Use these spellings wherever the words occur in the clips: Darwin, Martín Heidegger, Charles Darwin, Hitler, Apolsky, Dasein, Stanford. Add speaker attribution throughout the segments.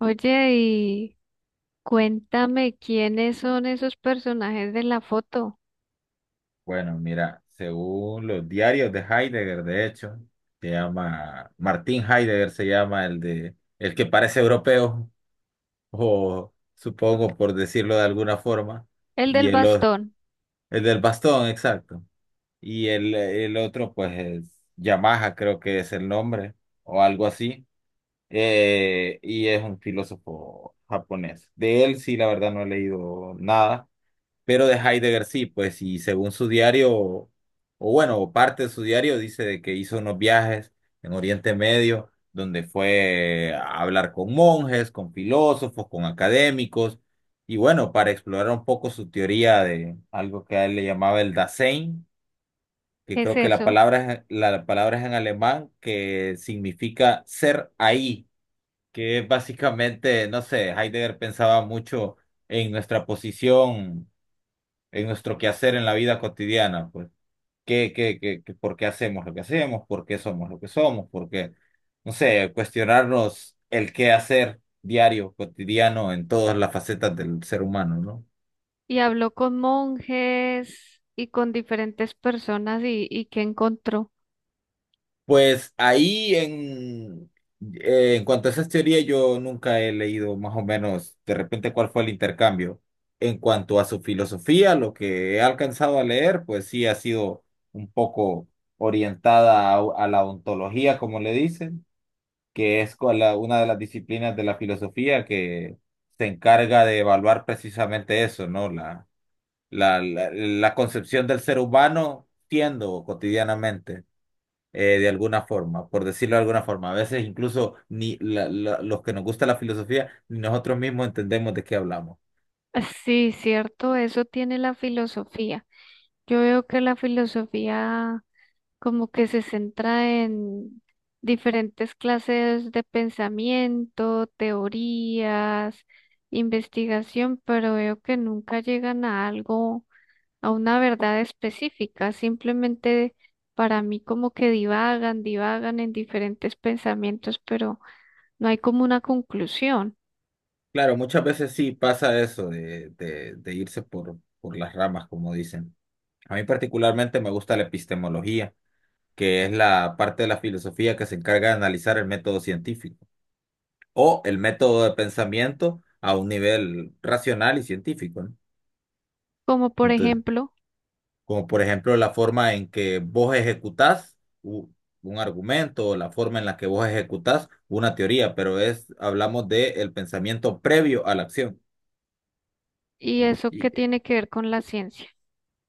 Speaker 1: Oye, y cuéntame quiénes son esos personajes de la foto.
Speaker 2: Bueno, mira, según los diarios de Heidegger, de hecho, se llama, Martín Heidegger se llama el que parece europeo, o supongo por decirlo de alguna forma,
Speaker 1: El
Speaker 2: y
Speaker 1: del
Speaker 2: el, o-
Speaker 1: bastón,
Speaker 2: el del bastón, exacto. Y el otro, pues, es Yamaha, creo que es el nombre, o algo así, y es un filósofo japonés. De él sí, la verdad, no he leído nada. Pero de Heidegger sí, pues, y según su diario, o bueno, o parte de su diario, dice de que hizo unos viajes en Oriente Medio, donde fue a hablar con monjes, con filósofos, con académicos, y bueno, para explorar un poco su teoría de algo que a él le llamaba el Dasein, que
Speaker 1: ¿qué es
Speaker 2: creo que
Speaker 1: eso?
Speaker 2: la palabra es en alemán, que significa ser ahí, que es básicamente, no sé, Heidegger pensaba mucho en nuestra posición en nuestro quehacer en la vida cotidiana, pues, ¿ por qué hacemos lo que hacemos? ¿Por qué somos lo que somos? ¿Por qué, no sé, cuestionarnos el qué hacer diario, cotidiano, en todas las facetas del ser humano, ¿no?
Speaker 1: Y habló con monjes y con diferentes personas y qué encontró.
Speaker 2: Pues ahí en, en cuanto a esas teorías, yo nunca he leído más o menos de repente cuál fue el intercambio. En cuanto a su filosofía, lo que he alcanzado a leer, pues sí ha sido un poco orientada a la ontología, como le dicen, que es con la- una de las disciplinas de la filosofía que se encarga de evaluar precisamente eso, ¿no? La concepción del ser humano siendo cotidianamente, de alguna forma, por decirlo de alguna forma. A veces incluso ni los que nos gusta la filosofía, ni nosotros mismos entendemos de qué hablamos.
Speaker 1: Ah, sí, cierto, eso tiene la filosofía. Yo veo que la filosofía como que se centra en diferentes clases de pensamiento, teorías, investigación, pero veo que nunca llegan a algo, a una verdad específica, simplemente para mí como que divagan, divagan en diferentes pensamientos, pero no hay como una conclusión,
Speaker 2: Claro, muchas veces sí pasa eso de irse por las ramas, como dicen. A mí particularmente me gusta la epistemología que es la parte de la filosofía que se encarga de analizar el método científico o el método de pensamiento a un nivel racional y científico, ¿no?
Speaker 1: como por
Speaker 2: Entonces,
Speaker 1: ejemplo,
Speaker 2: como por ejemplo la forma en que vos ejecutás u- un argumento o la forma en la que vos ejecutás una teoría, pero es, hablamos de el pensamiento previo a la acción.
Speaker 1: ¿y eso qué tiene que ver con la ciencia?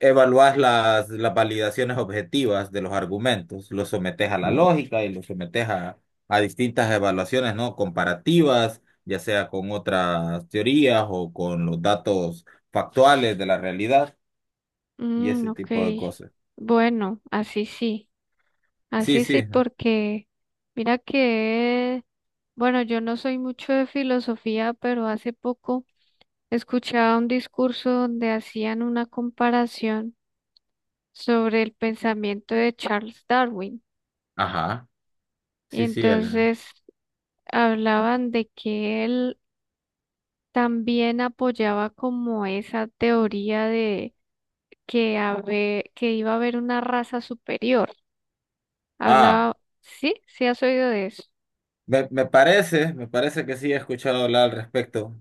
Speaker 2: Evaluás las validaciones objetivas de los argumentos, los sometes a la lógica y los sometes a distintas evaluaciones, ¿no? Comparativas, ya sea con otras teorías o con los datos factuales de la realidad y
Speaker 1: Mm,
Speaker 2: ese
Speaker 1: ok,
Speaker 2: tipo de cosas.
Speaker 1: bueno,
Speaker 2: Sí,
Speaker 1: así sí,
Speaker 2: sí,
Speaker 1: porque mira que, bueno, yo no soy mucho de filosofía, pero hace poco escuchaba un discurso donde hacían una comparación sobre el pensamiento de Charles Darwin.
Speaker 2: ajá,
Speaker 1: Y
Speaker 2: sí, sí, Elena.
Speaker 1: entonces hablaban de que él también apoyaba como esa teoría de que, que iba a haber una raza superior.
Speaker 2: Ah,
Speaker 1: Hablaba, sí, sí has oído de eso.
Speaker 2: me parece que sí he escuchado hablar al respecto.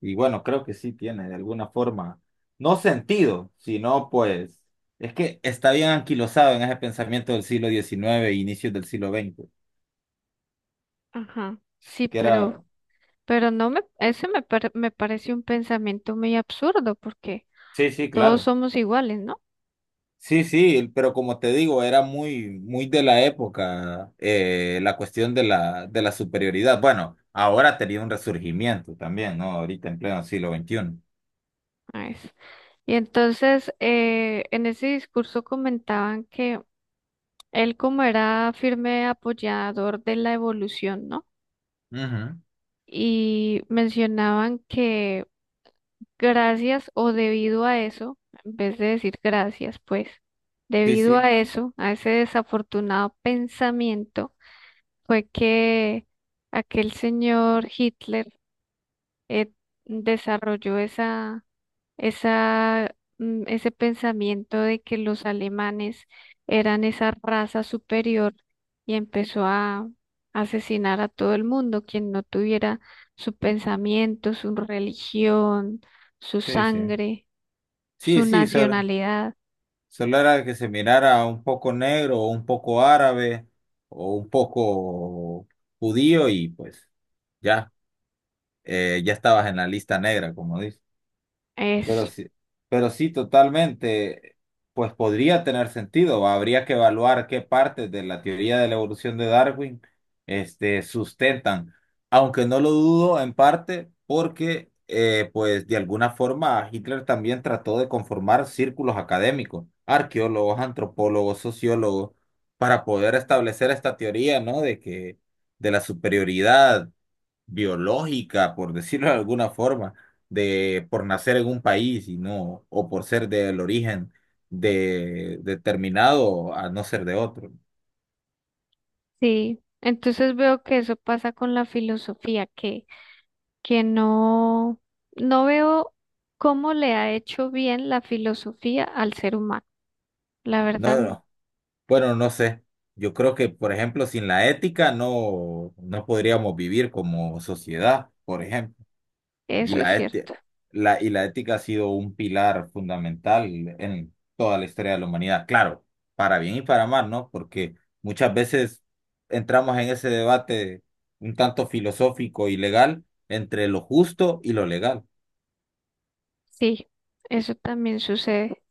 Speaker 2: Y bueno, creo que sí tiene de alguna forma, no sentido, sino pues, es que está bien anquilosado en ese pensamiento del siglo XIX e inicios del siglo XX
Speaker 1: Ajá, sí,
Speaker 2: que era,
Speaker 1: pero no me, ese me, pare- me parece un pensamiento muy absurdo porque
Speaker 2: sí, sí,
Speaker 1: todos
Speaker 2: claro.
Speaker 1: somos iguales, ¿no?
Speaker 2: Sí, sí, pero como te digo, era muy, muy de la época la cuestión de de la superioridad. Bueno, ahora ha tenido un resurgimiento también, ¿no? Ahorita en pleno siglo XXI.
Speaker 1: Nice. Y entonces, en ese discurso comentaban que él como era firme apoyador de la evolución, ¿no?
Speaker 2: Ujú.
Speaker 1: Y mencionaban que gracias o debido a eso, en vez de decir gracias, pues,
Speaker 2: Sí,
Speaker 1: debido
Speaker 2: sí,
Speaker 1: a eso, a ese desafortunado pensamiento, fue que aquel señor Hitler, eh, desarrolló ese pensamiento de que los alemanes eran esa raza superior y empezó a asesinar a todo el mundo, quien no tuviera su pensamiento, su religión, su
Speaker 2: sí, sí.
Speaker 1: sangre,
Speaker 2: Sí,
Speaker 1: su
Speaker 2: sí, Sora.
Speaker 1: nacionalidad.
Speaker 2: Solo era que se mirara un poco negro, o un poco árabe, o un poco judío, y pues ya, ya estabas en la lista negra, como
Speaker 1: Eso,
Speaker 2: pero sí, pero sí, totalmente, pues podría tener sentido. Habría que evaluar qué partes de la teoría de la evolución de Darwin, este, sustentan. Aunque no lo dudo en parte porque, pues, de alguna forma Hitler también trató de conformar círculos académicos, arqueólogos, antropólogos, sociólogos, para poder establecer esta teoría, ¿no? De que, de la superioridad biológica, por decirlo de alguna forma, de por nacer en un país y no, o por ser del origen de determinado a no ser de otro.
Speaker 1: sí. Entonces veo que eso pasa con la filosofía, que no, no veo cómo le ha hecho bien la filosofía al ser humano. La verdad
Speaker 2: No,
Speaker 1: no,
Speaker 2: no, bueno, no sé. Yo creo que, por ejemplo, sin la ética no, no podríamos vivir como sociedad, por ejemplo. Y
Speaker 1: eso es cierto.
Speaker 2: la, y la ética ha sido un pilar fundamental en toda la historia de la humanidad, claro, para bien y para mal, ¿no? Porque muchas veces entramos en ese debate un tanto filosófico y legal entre lo justo y lo legal.
Speaker 1: Sí, eso también sucede.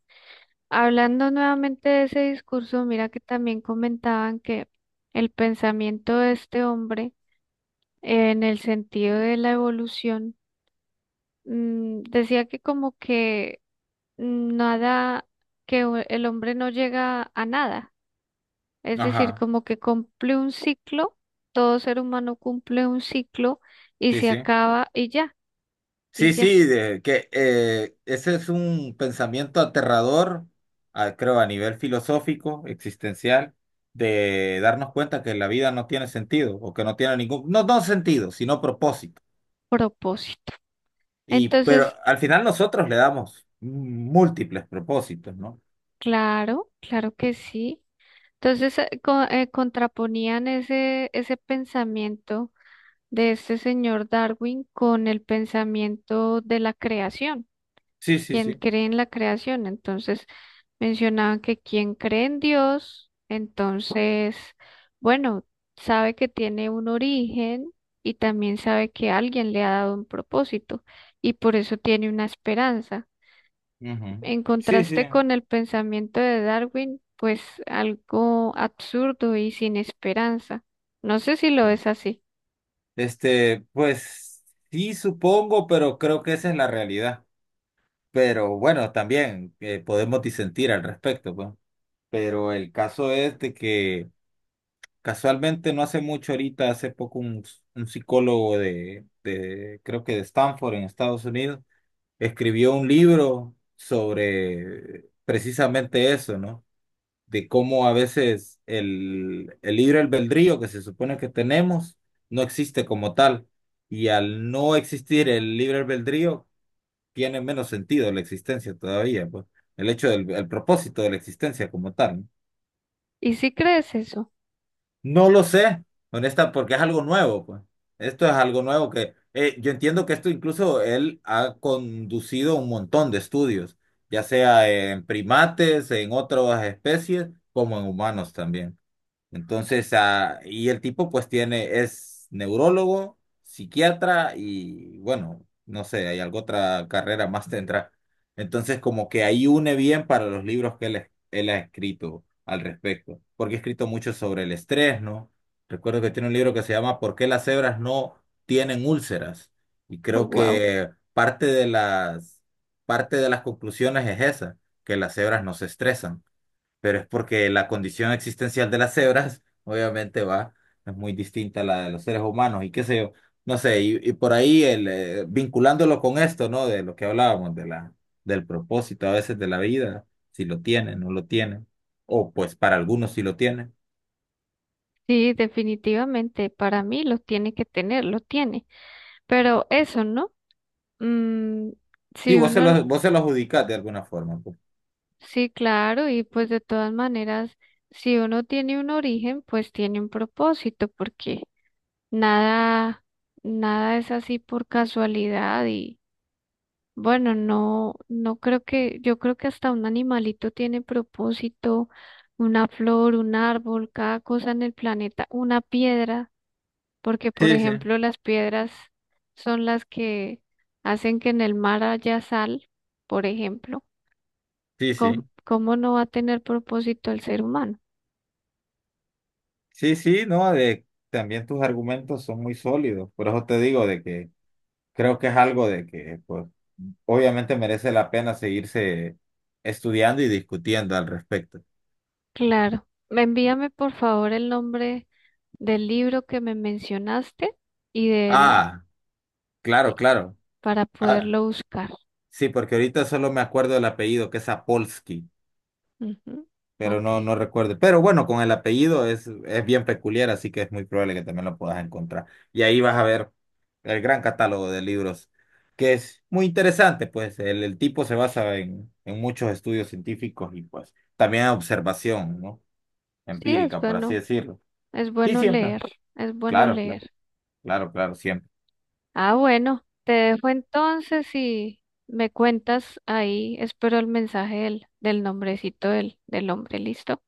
Speaker 1: Hablando nuevamente de ese discurso, mira que también comentaban que el pensamiento de este hombre, en el sentido de la evolución, mm, decía que como que nada, el hombre no llega a nada. Es decir,
Speaker 2: Ajá,
Speaker 1: como que cumple un ciclo, todo ser humano cumple un ciclo y
Speaker 2: sí,
Speaker 1: se
Speaker 2: sí.
Speaker 1: acaba y
Speaker 2: Sí,
Speaker 1: ya,
Speaker 2: sí, de, que ese es un pensamiento aterrador, creo, a nivel filosófico, existencial, de darnos cuenta que la vida no tiene sentido o que no tiene ningún, no, no sentido, sino propósito.
Speaker 1: propósito.
Speaker 2: Y, pero
Speaker 1: Entonces,
Speaker 2: al final nosotros le damos múltiples propósitos, ¿no?
Speaker 1: claro, claro que sí. Entonces, contraponían ese pensamiento de este señor Darwin con el pensamiento de la creación,
Speaker 2: Sí, sí,
Speaker 1: quien
Speaker 2: sí.
Speaker 1: cree en la creación. Entonces, mencionaban que quien cree en Dios, entonces, bueno, sabe que tiene un origen y también sabe que alguien le ha dado un propósito y por eso tiene una esperanza.
Speaker 2: Ujú.
Speaker 1: En
Speaker 2: Sí, sí.
Speaker 1: contraste con el pensamiento de Darwin, pues algo absurdo y sin esperanza. No sé si lo
Speaker 2: Sí.
Speaker 1: es así.
Speaker 2: Este, pues sí, supongo, pero creo que esa es la realidad. Pero bueno, también podemos disentir al respecto, pues. Pero el caso es de que casualmente no hace mucho ahorita, hace poco un psicólogo creo que de Stanford en Estados Unidos, escribió un libro sobre precisamente eso, ¿no? De cómo a veces el libre albedrío que se supone que tenemos no existe como tal. Y al no existir el libre albedrío, tiene menos sentido la existencia todavía, pues. El hecho del el propósito de la existencia como tal, ¿no?
Speaker 1: ¿Y si crees eso?
Speaker 2: No lo sé, honesta, porque es algo nuevo, pues. Esto es algo nuevo que yo entiendo que esto incluso él ha conducido un montón de estudios, ya sea en primates, en otras especies, como en humanos también. Entonces, y el tipo pues tiene, es neurólogo, psiquiatra y bueno, no sé, hay alguna otra carrera más tendrá. Entonces, como que ahí une bien para los libros que él ha escrito al respecto, porque ha escrito mucho sobre el estrés, ¿no? Recuerdo que tiene un libro que se llama ¿Por qué las cebras no tienen úlceras? Y creo
Speaker 1: Wow.
Speaker 2: que parte de las conclusiones es esa, que las cebras no se estresan pero es porque la condición existencial de las cebras, obviamente, va, es muy distinta a la de los seres humanos y qué sé yo, no sé, y por ahí vinculándolo con esto, ¿no? De lo que hablábamos, del propósito a veces de la vida, si lo tienen, no lo tienen, o pues para algunos sí lo tienen.
Speaker 1: Sí, definitivamente, para mí lo tiene que tener, lo tiene. Pero eso, ¿no? Mm,
Speaker 2: Sí,
Speaker 1: si uno, no,
Speaker 2: vos se lo adjudicás de alguna forma, pues.
Speaker 1: sí, claro, y pues de todas maneras, si uno tiene un origen, pues tiene un propósito, porque nada, nada es así por casualidad y bueno, no, no creo que, yo creo que hasta un animalito tiene propósito, una flor, un árbol, cada cosa en el planeta, una piedra. Porque por
Speaker 2: Sí, sí,
Speaker 1: ejemplo las piedras son las que hacen que en el mar haya sal, por ejemplo.
Speaker 2: sí, sí,
Speaker 1: ¿Cómo, cómo no va a tener propósito el ser humano?
Speaker 2: sí, sí, no, de, también tus argumentos son muy sólidos, por eso te digo de que creo que es algo de que, pues, obviamente merece la pena seguirse estudiando y discutiendo al respecto.
Speaker 1: Claro. Me envíame por favor el nombre del libro que me mencionaste y del,
Speaker 2: Ah, claro,
Speaker 1: y- y-
Speaker 2: claro.
Speaker 1: para
Speaker 2: Ah,
Speaker 1: poderlo buscar.
Speaker 2: sí, porque ahorita solo me acuerdo del apellido, que es Apolsky,
Speaker 1: Ujú,
Speaker 2: pero no,
Speaker 1: ok.
Speaker 2: no recuerdo. Pero bueno, con el apellido es bien peculiar, así que es muy probable que también lo puedas encontrar. Y ahí vas a ver el gran catálogo de libros, que es muy interesante, pues el tipo se basa en muchos estudios científicos y pues también en observación, ¿no?
Speaker 1: Sí,
Speaker 2: Empírica, por así decirlo.
Speaker 1: es
Speaker 2: Sí,
Speaker 1: bueno
Speaker 2: siempre.
Speaker 1: leer, es bueno
Speaker 2: Claro, claro,
Speaker 1: leer.
Speaker 2: claro, claro, siempre.
Speaker 1: Ah, bueno, te dejo entonces y me cuentas ahí. Espero el mensaje del, del nombrecito del, del hombre. Listo.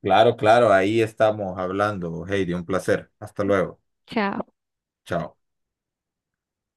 Speaker 2: Claro, claro, ahí estamos hablando, Heidi, un placer. Hasta luego.
Speaker 1: Chao.
Speaker 2: Chao.